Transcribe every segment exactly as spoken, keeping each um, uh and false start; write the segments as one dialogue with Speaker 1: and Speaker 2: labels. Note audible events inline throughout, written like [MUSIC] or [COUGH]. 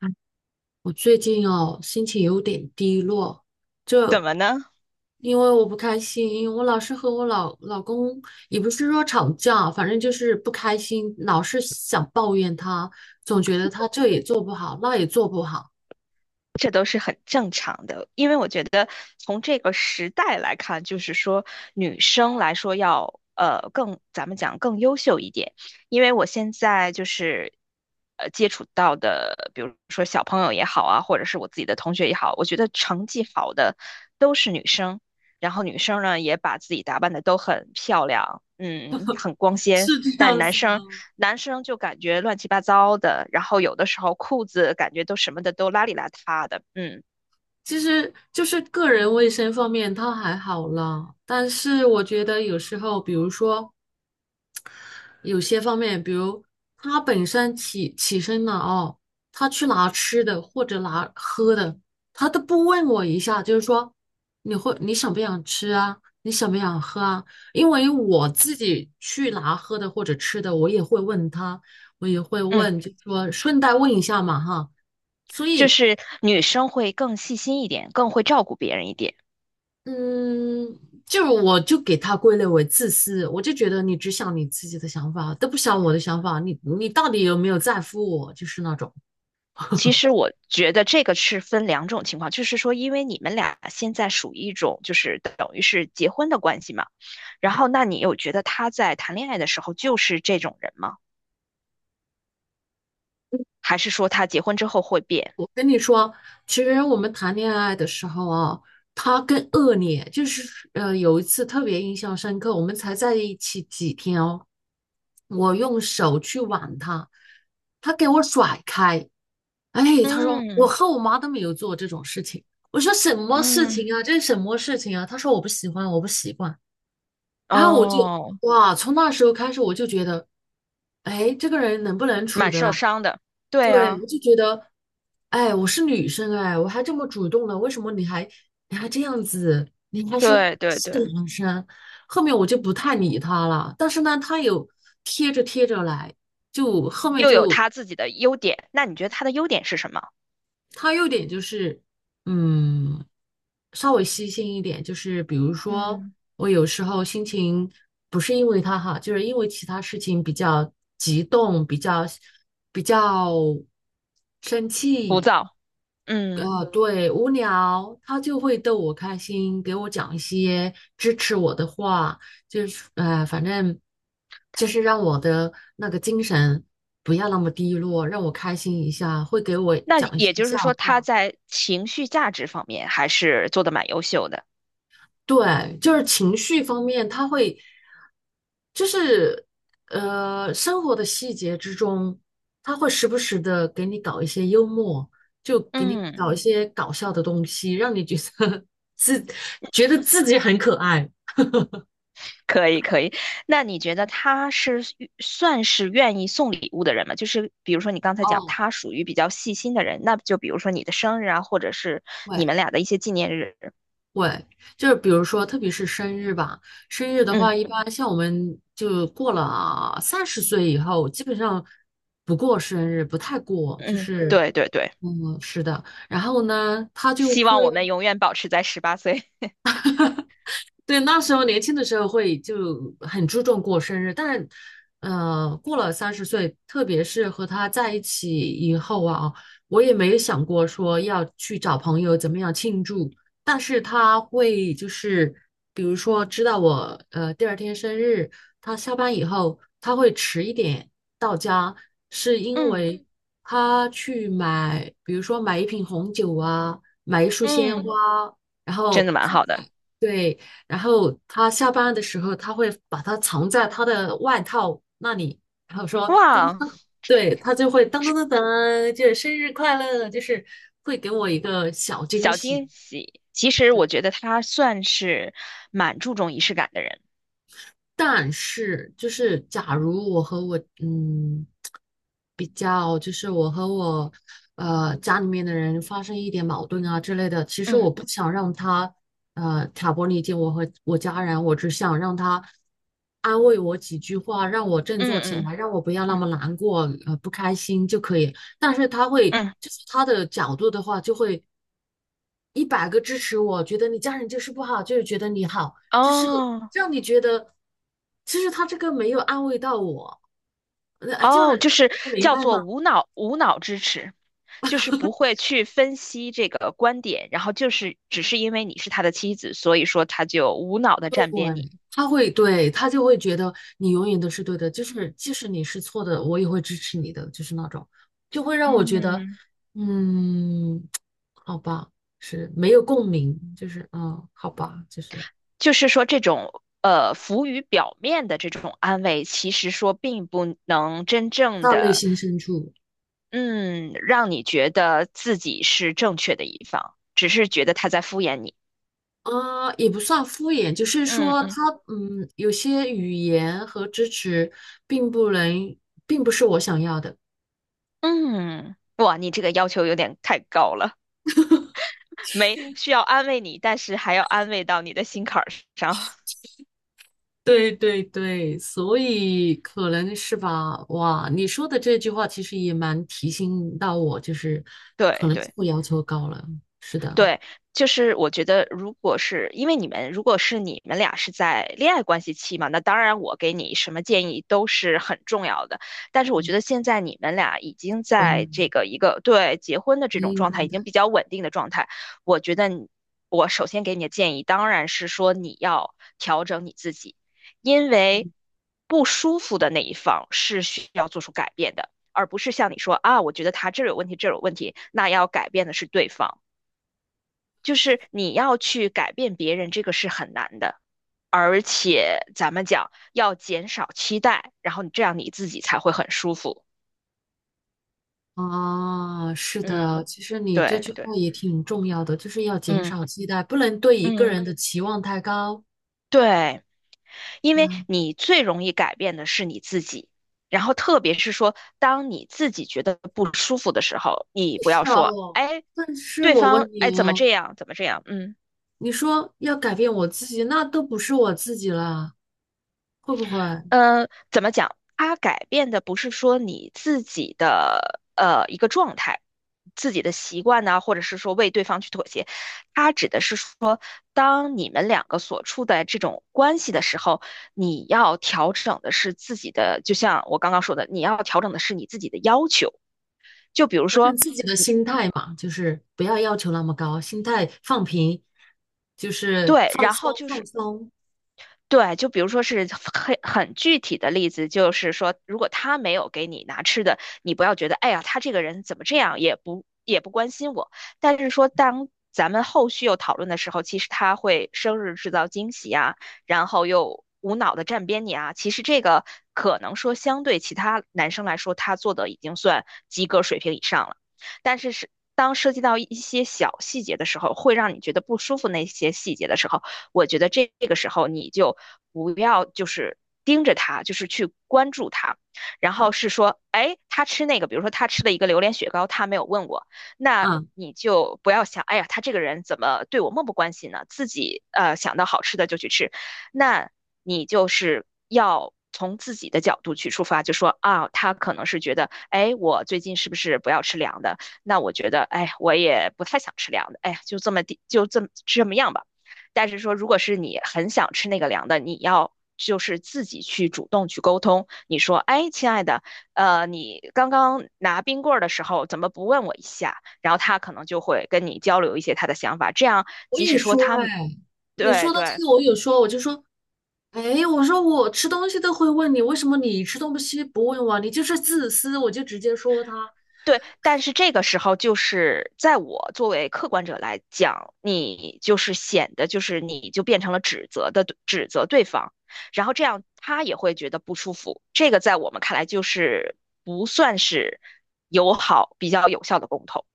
Speaker 1: 哎，我最近哦，心情有点低落，
Speaker 2: 怎
Speaker 1: 就
Speaker 2: 么呢？
Speaker 1: 因为我不开心，我老是和我老老公也不是说吵架，反正就是不开心，老是想抱怨他，总觉得他这也做不好，那也做不好。
Speaker 2: 这都是很正常的，因为我觉得从这个时代来看，就是说女生来说要呃更，咱们讲更优秀一点，因为我现在就是呃接触到的，比如说小朋友也好啊，或者是我自己的同学也好，我觉得成绩好的都是女生，然后女生呢也把自己打扮的都很漂亮，嗯，很光
Speaker 1: [LAUGHS]
Speaker 2: 鲜，
Speaker 1: 是这
Speaker 2: 但
Speaker 1: 样
Speaker 2: 男
Speaker 1: 子
Speaker 2: 生
Speaker 1: 吗？
Speaker 2: 男生就感觉乱七八糟的，然后有的时候裤子感觉都什么的都邋里邋遢的，嗯
Speaker 1: 其实就是个人卫生方面他还好啦，但是我觉得有时候，比如说。有些方面，比如他本身起起身了哦，他去拿吃的或者拿喝的，他都不问我一下，就是说你会你想不想吃啊？你想不想喝啊？因为我自己去拿喝的或者吃的，我也会问他，我也会
Speaker 2: 嗯，
Speaker 1: 问，就说顺带问一下嘛哈。所
Speaker 2: 就
Speaker 1: 以，
Speaker 2: 是女生会更细心一点，更会照顾别人一点。
Speaker 1: 嗯，就是我就给他归类为自私，我就觉得你只想你自己的想法，都不想我的想法，你你到底有没有在乎我？就是那种。
Speaker 2: 其实我觉得这个是分两种情况，就是说，因为你们俩现在属于一种就是等于是结婚的关系嘛，然后那你有觉得他在谈恋爱的时候就是这种人吗？还是说他结婚之后会变？
Speaker 1: 我跟你说，其实我们谈恋爱的时候啊，他更恶劣，就是呃有一次特别印象深刻，我们才在一起几天哦，我用手去挽他，他给我甩开，哎，他说我
Speaker 2: 嗯
Speaker 1: 和我妈都没有做这种事情，我说什么事
Speaker 2: 嗯，
Speaker 1: 情啊，这是什么事情啊？他说我不喜欢，我不习惯，然后我就
Speaker 2: 哦，
Speaker 1: 哇，从那时候开始我就觉得，哎，这个人能不能处
Speaker 2: 蛮
Speaker 1: 的
Speaker 2: 受
Speaker 1: 啦？
Speaker 2: 伤的。对
Speaker 1: 对，我
Speaker 2: 啊，
Speaker 1: 就觉得，哎，我是女生，哎，我还这么主动呢，为什么你还你还这样子？你还是
Speaker 2: 对对
Speaker 1: 是个
Speaker 2: 对。
Speaker 1: 男生，后面我就不太理他了。但是呢，他有贴着贴着来，就后面
Speaker 2: 又有
Speaker 1: 就
Speaker 2: 他自己的优点，那你觉得他的优点是什么？
Speaker 1: 他有点就是，嗯，稍微细心一点，就是比如说
Speaker 2: 嗯，
Speaker 1: 我有时候心情不是因为他哈，就是因为其他事情比较激动，比较比较生
Speaker 2: 浮
Speaker 1: 气，
Speaker 2: 躁。嗯，
Speaker 1: 呃，对，无聊，他就会逗我开心，给我讲一些支持我的话，就是呃，反正就是让我的那个精神不要那么低落，让我开心一下，会给我
Speaker 2: 那
Speaker 1: 讲一
Speaker 2: 也
Speaker 1: 些
Speaker 2: 就
Speaker 1: 笑
Speaker 2: 是说他
Speaker 1: 话。
Speaker 2: 在情绪价值方面还是做的蛮优秀的。
Speaker 1: 对，就是情绪方面，他会就是呃，生活的细节之中，他会时不时的给你搞一些幽默，就给你
Speaker 2: 嗯，
Speaker 1: 搞一些搞笑的东西，让你觉得 [LAUGHS] 自觉得自己很可爱。
Speaker 2: 可以可以。那你觉得他是算是愿意送礼物的人吗？就是比如说你刚才讲
Speaker 1: 哦，
Speaker 2: 他属于比较细心的人，那就比如说你的生日啊，或者是你
Speaker 1: 对，
Speaker 2: 们俩的一些纪念日。
Speaker 1: 会，就是比如说，特别是生日吧，生日的
Speaker 2: 嗯
Speaker 1: 话，一般像我们就过了三十岁以后，基本上不过生日，不太过，就
Speaker 2: 嗯，
Speaker 1: 是，
Speaker 2: 对对对，
Speaker 1: 嗯，是的。然后呢，他就
Speaker 2: 希望
Speaker 1: 会，
Speaker 2: 我们
Speaker 1: 嗯，
Speaker 2: 永远保持在十八岁。
Speaker 1: 对，那时候年轻的时候会就很注重过生日，但呃，过了三十岁，特别是和他在一起以后啊，我也没有想过说要去找朋友怎么样庆祝，但是他会就是比如说知道我呃第二天生日，他下班以后他会迟一点到家，是因
Speaker 2: 嗯
Speaker 1: 为他去买，比如说买一瓶红酒啊，买一束鲜花，
Speaker 2: 嗯，
Speaker 1: 然后
Speaker 2: 真的蛮
Speaker 1: 放
Speaker 2: 好的。
Speaker 1: 在。对，然后他下班的时候，他会把它藏在他的外套那里，然后说噔，
Speaker 2: 哇，
Speaker 1: 对，他就会噔噔噔噔，就是生日快乐，就是会给我一个小惊
Speaker 2: 小
Speaker 1: 喜。
Speaker 2: 惊喜。其实我觉得他算是蛮注重仪式感的人。
Speaker 1: 但是就是假如我和我嗯比较，就是我和我呃家里面的人发生一点矛盾啊之类的，其实
Speaker 2: 嗯
Speaker 1: 我不想让他呃挑拨离间我和我家人，我只想让他安慰我几句话，让我振
Speaker 2: 嗯
Speaker 1: 作起
Speaker 2: 嗯
Speaker 1: 来，让我不要那
Speaker 2: 嗯
Speaker 1: 么难过呃不开心就可以。但是他会
Speaker 2: 嗯，
Speaker 1: 就是他的角度的话，就会一百个支持我，觉得你家人就是不好，就是觉得你好。就是
Speaker 2: 哦
Speaker 1: 让你觉得，其实他这个没有安慰到我，那呃就
Speaker 2: 哦，
Speaker 1: 是
Speaker 2: 就是
Speaker 1: 你能明
Speaker 2: 叫
Speaker 1: 白
Speaker 2: 做
Speaker 1: 吗？
Speaker 2: 无脑无脑支持，就是不会去分析这个观点，然后就是只是因为你是他的妻子，所以说他就无脑的
Speaker 1: 对，
Speaker 2: 站边你。
Speaker 1: 他会对他就会觉得你永远都是对的，就是即使你是错的，我也会支持你的，就是那种，就会让我觉得，
Speaker 2: 嗯，
Speaker 1: 嗯，好吧，是没有共鸣，就是嗯，好吧，就是
Speaker 2: 就是说这种呃浮于表面的这种安慰，其实说并不能真正
Speaker 1: 到内
Speaker 2: 的。
Speaker 1: 心深处。
Speaker 2: 嗯，让你觉得自己是正确的一方，只是觉得他在敷衍你。
Speaker 1: 啊，也不算敷衍，就是
Speaker 2: 嗯
Speaker 1: 说
Speaker 2: 嗯
Speaker 1: 他嗯，有些语言和支持并不能，并不是我想要的。
Speaker 2: 嗯，哇，你这个要求有点太高了，没需要安慰你，但是还要安慰到你的心坎儿上。[LAUGHS]
Speaker 1: 对对对，所以可能是吧。哇，你说的这句话其实也蛮提醒到我，就是可
Speaker 2: 对
Speaker 1: 能自
Speaker 2: 对。
Speaker 1: 我要求高了。是的，
Speaker 2: 对，就是我觉得，如果是因为你们，如果是你们俩是在恋爱关系期嘛，那当然我给你什么建议都是很重要的。但是我
Speaker 1: 嗯，
Speaker 2: 觉得现在你们俩已经
Speaker 1: 婚
Speaker 2: 在这个一个对结婚的
Speaker 1: 婚
Speaker 2: 这种
Speaker 1: 姻
Speaker 2: 状态，
Speaker 1: 状
Speaker 2: 已
Speaker 1: 态。
Speaker 2: 经比较稳定的状态。我觉得你我首先给你的建议当然是说你要调整你自己，因为不舒服的那一方是需要做出改变的，而不是像你说啊，我觉得他这儿有问题，这儿有问题，那要改变的是对方。就是你要去改变别人，这个是很难的。而且咱们讲要减少期待，然后你这样你自己才会很舒服。
Speaker 1: 啊，是
Speaker 2: 嗯，
Speaker 1: 的，其实你这
Speaker 2: 对
Speaker 1: 句
Speaker 2: 对，
Speaker 1: 话也挺重要的，就是要减
Speaker 2: 嗯
Speaker 1: 少期待，不能对一个
Speaker 2: 嗯，
Speaker 1: 人的期望太高。
Speaker 2: 对，因为
Speaker 1: 啊，
Speaker 2: 你最容易改变的是你自己。然后特别是说，当你自己觉得不舒服的时候，你不要
Speaker 1: 是
Speaker 2: 说，
Speaker 1: 哦，
Speaker 2: 哎，
Speaker 1: 但是
Speaker 2: 对
Speaker 1: 我问
Speaker 2: 方，
Speaker 1: 你
Speaker 2: 哎，怎么
Speaker 1: 哦，
Speaker 2: 这样，怎么这样，嗯。
Speaker 1: 你说要改变我自己，那都不是我自己了，会不会
Speaker 2: 呃，怎么讲？它改变的不是说你自己的呃一个状态、自己的习惯呢，或者是说为对方去妥协，它指的是说，当你们两个所处的这种关系的时候，你要调整的是自己的，就像我刚刚说的，你要调整的是你自己的要求。就比如
Speaker 1: 调整
Speaker 2: 说，
Speaker 1: 自己的心态嘛？就是不要要求那么高，心态放平，就是
Speaker 2: 对，
Speaker 1: 放
Speaker 2: 然
Speaker 1: 松
Speaker 2: 后就
Speaker 1: 放
Speaker 2: 是
Speaker 1: 松
Speaker 2: 对，就比如说是很很具体的例子，就是说，如果他没有给你拿吃的，你不要觉得，哎呀，他这个人怎么这样，也不也不关心我。但是说，当咱们后续又讨论的时候，其实他会生日制造惊喜啊，然后又无脑的站边你啊。其实这个可能说相对其他男生来说，他做的已经算及格水平以上了，但是是。当涉及到一些小细节的时候，会让你觉得不舒服。那些细节的时候，我觉得这个时候你就不要就是盯着他，就是去关注他，然后是说，哎，他吃那个，比如说他吃了一个榴莲雪糕，他没有问我，那。
Speaker 1: 啊。
Speaker 2: 你就不要想，哎呀，他这个人怎么对我漠不关心呢？自己呃想到好吃的就去吃，那你就是要从自己的角度去出发，就说啊，他可能是觉得，哎，我最近是不是不要吃凉的？那我觉得，哎，我也不太想吃凉的，哎，就这么地，就这么这么样吧。但是说，如果是你很想吃那个凉的，你要就是自己去主动去沟通。你说，哎，亲爱的，呃，你刚刚拿冰棍儿的时候怎么不问我一下？然后他可能就会跟你交流一些他的想法，这样
Speaker 1: 我
Speaker 2: 即
Speaker 1: 有
Speaker 2: 使说
Speaker 1: 说
Speaker 2: 他
Speaker 1: 哎，你
Speaker 2: 对
Speaker 1: 说的
Speaker 2: 对
Speaker 1: 这个我有说，我就说，哎，我说我吃东西都会问你，为什么你吃东西不问我？你就是自私，我就直接说他
Speaker 2: 对，但是这个时候就是在我作为客观者来讲，你就是显得就是你就变成了指责的指责对方，然后这样他也会觉得不舒服。这个在我们看来就是不算是友好、比较有效的沟通。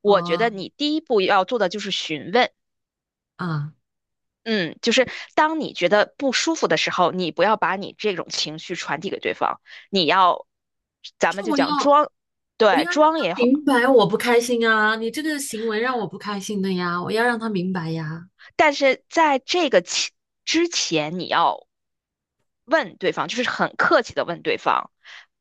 Speaker 2: 我觉得
Speaker 1: 啊
Speaker 2: 你第一步要做的就是询问，
Speaker 1: 啊。
Speaker 2: 嗯，就是当你觉得不舒服的时候，你不要把你这种情绪传递给对方，你要，
Speaker 1: 但
Speaker 2: 咱
Speaker 1: 是
Speaker 2: 们就
Speaker 1: 我
Speaker 2: 讲
Speaker 1: 要。
Speaker 2: 装。
Speaker 1: 我
Speaker 2: 对，
Speaker 1: 要让他
Speaker 2: 装也好。
Speaker 1: 明白我不开心啊！你这个行为让我不开心的呀，我要让他明白呀。
Speaker 2: 但是在这个期之前，你要问对方，就是很客气的问对方，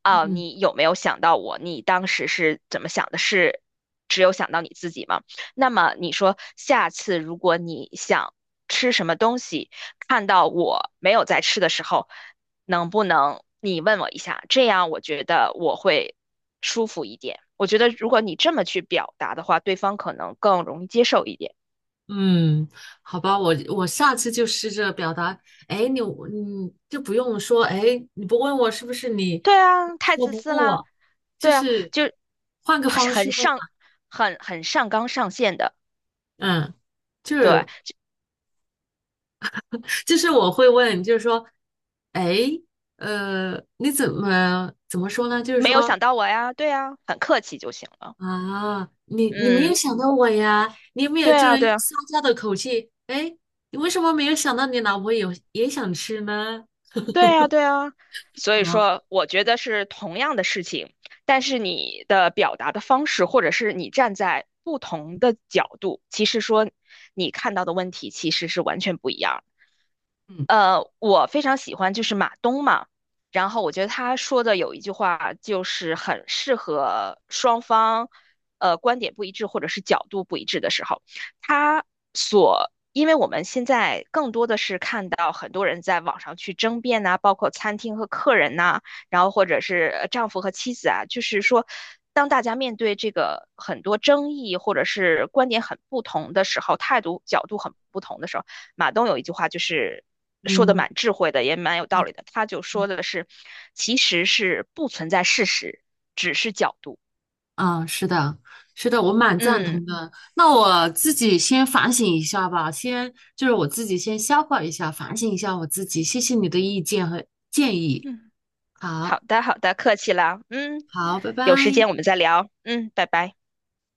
Speaker 2: 啊，
Speaker 1: 嗯
Speaker 2: 你有没有想到我？你当时是怎么想的？是只有想到你自己吗？那么你说下次如果你想吃什么东西，看到我没有在吃的时候，能不能你问我一下？这样我觉得我会舒服一点。我觉得如果你这么去表达的话，对方可能更容易接受一点。
Speaker 1: 嗯，好吧，我我下次就试着表达。哎，你你就不用说，哎，你不问我是不是你，你
Speaker 2: 对啊，太
Speaker 1: 我
Speaker 2: 自
Speaker 1: 不
Speaker 2: 私
Speaker 1: 问
Speaker 2: 啦！
Speaker 1: 我，就
Speaker 2: 对啊，
Speaker 1: 是
Speaker 2: 就
Speaker 1: 换个方
Speaker 2: 很
Speaker 1: 式问
Speaker 2: 上，
Speaker 1: 嘛。
Speaker 2: 很很上纲上线的，
Speaker 1: 嗯，就
Speaker 2: 对，
Speaker 1: 是就是我会问，就是说，哎，呃，你怎么怎么说呢？就是
Speaker 2: 没有
Speaker 1: 说，
Speaker 2: 想到我呀，对啊，很客气就行了。
Speaker 1: 啊，你你没有
Speaker 2: 嗯，
Speaker 1: 想到我呀？你有没有
Speaker 2: 对
Speaker 1: 这
Speaker 2: 啊，对
Speaker 1: 用
Speaker 2: 啊，
Speaker 1: 撒娇的口气？哎，你为什么没有想到你老婆也也想吃呢？
Speaker 2: 对啊，对啊。所以
Speaker 1: 嗯
Speaker 2: 说，我觉得是同样的事情，但是你的表达的方式，或者是你站在不同的角度，其实说你看到的问题其实是完全不一样。
Speaker 1: 嗯，
Speaker 2: 呃，我非常喜欢就是马东嘛，然后我觉得他说的有一句话就是很适合双方，呃，观点不一致或者是角度不一致的时候，他所，因为我们现在更多的是看到很多人在网上去争辩呐、包括餐厅和客人呐、然后或者是呃丈夫和妻子啊，就是说，当大家面对这个很多争议或者是观点很不同的时候，态度角度很不同的时候。马东有一句话就是说的
Speaker 1: 嗯
Speaker 2: 蛮智慧的，也蛮有道理的。他就
Speaker 1: 嗯，
Speaker 2: 说的是，其实是不存在事实，只是角度。
Speaker 1: 啊，是的，是的，我蛮赞
Speaker 2: 嗯
Speaker 1: 同的。那我自己先反省一下吧，先就是我自己先消化一下，反省一下我自己。谢谢你的意见和建议。
Speaker 2: 嗯，好
Speaker 1: 好，
Speaker 2: 的好的，客气了。嗯，
Speaker 1: 好，拜
Speaker 2: 有时
Speaker 1: 拜。
Speaker 2: 间我们再聊。嗯，拜拜。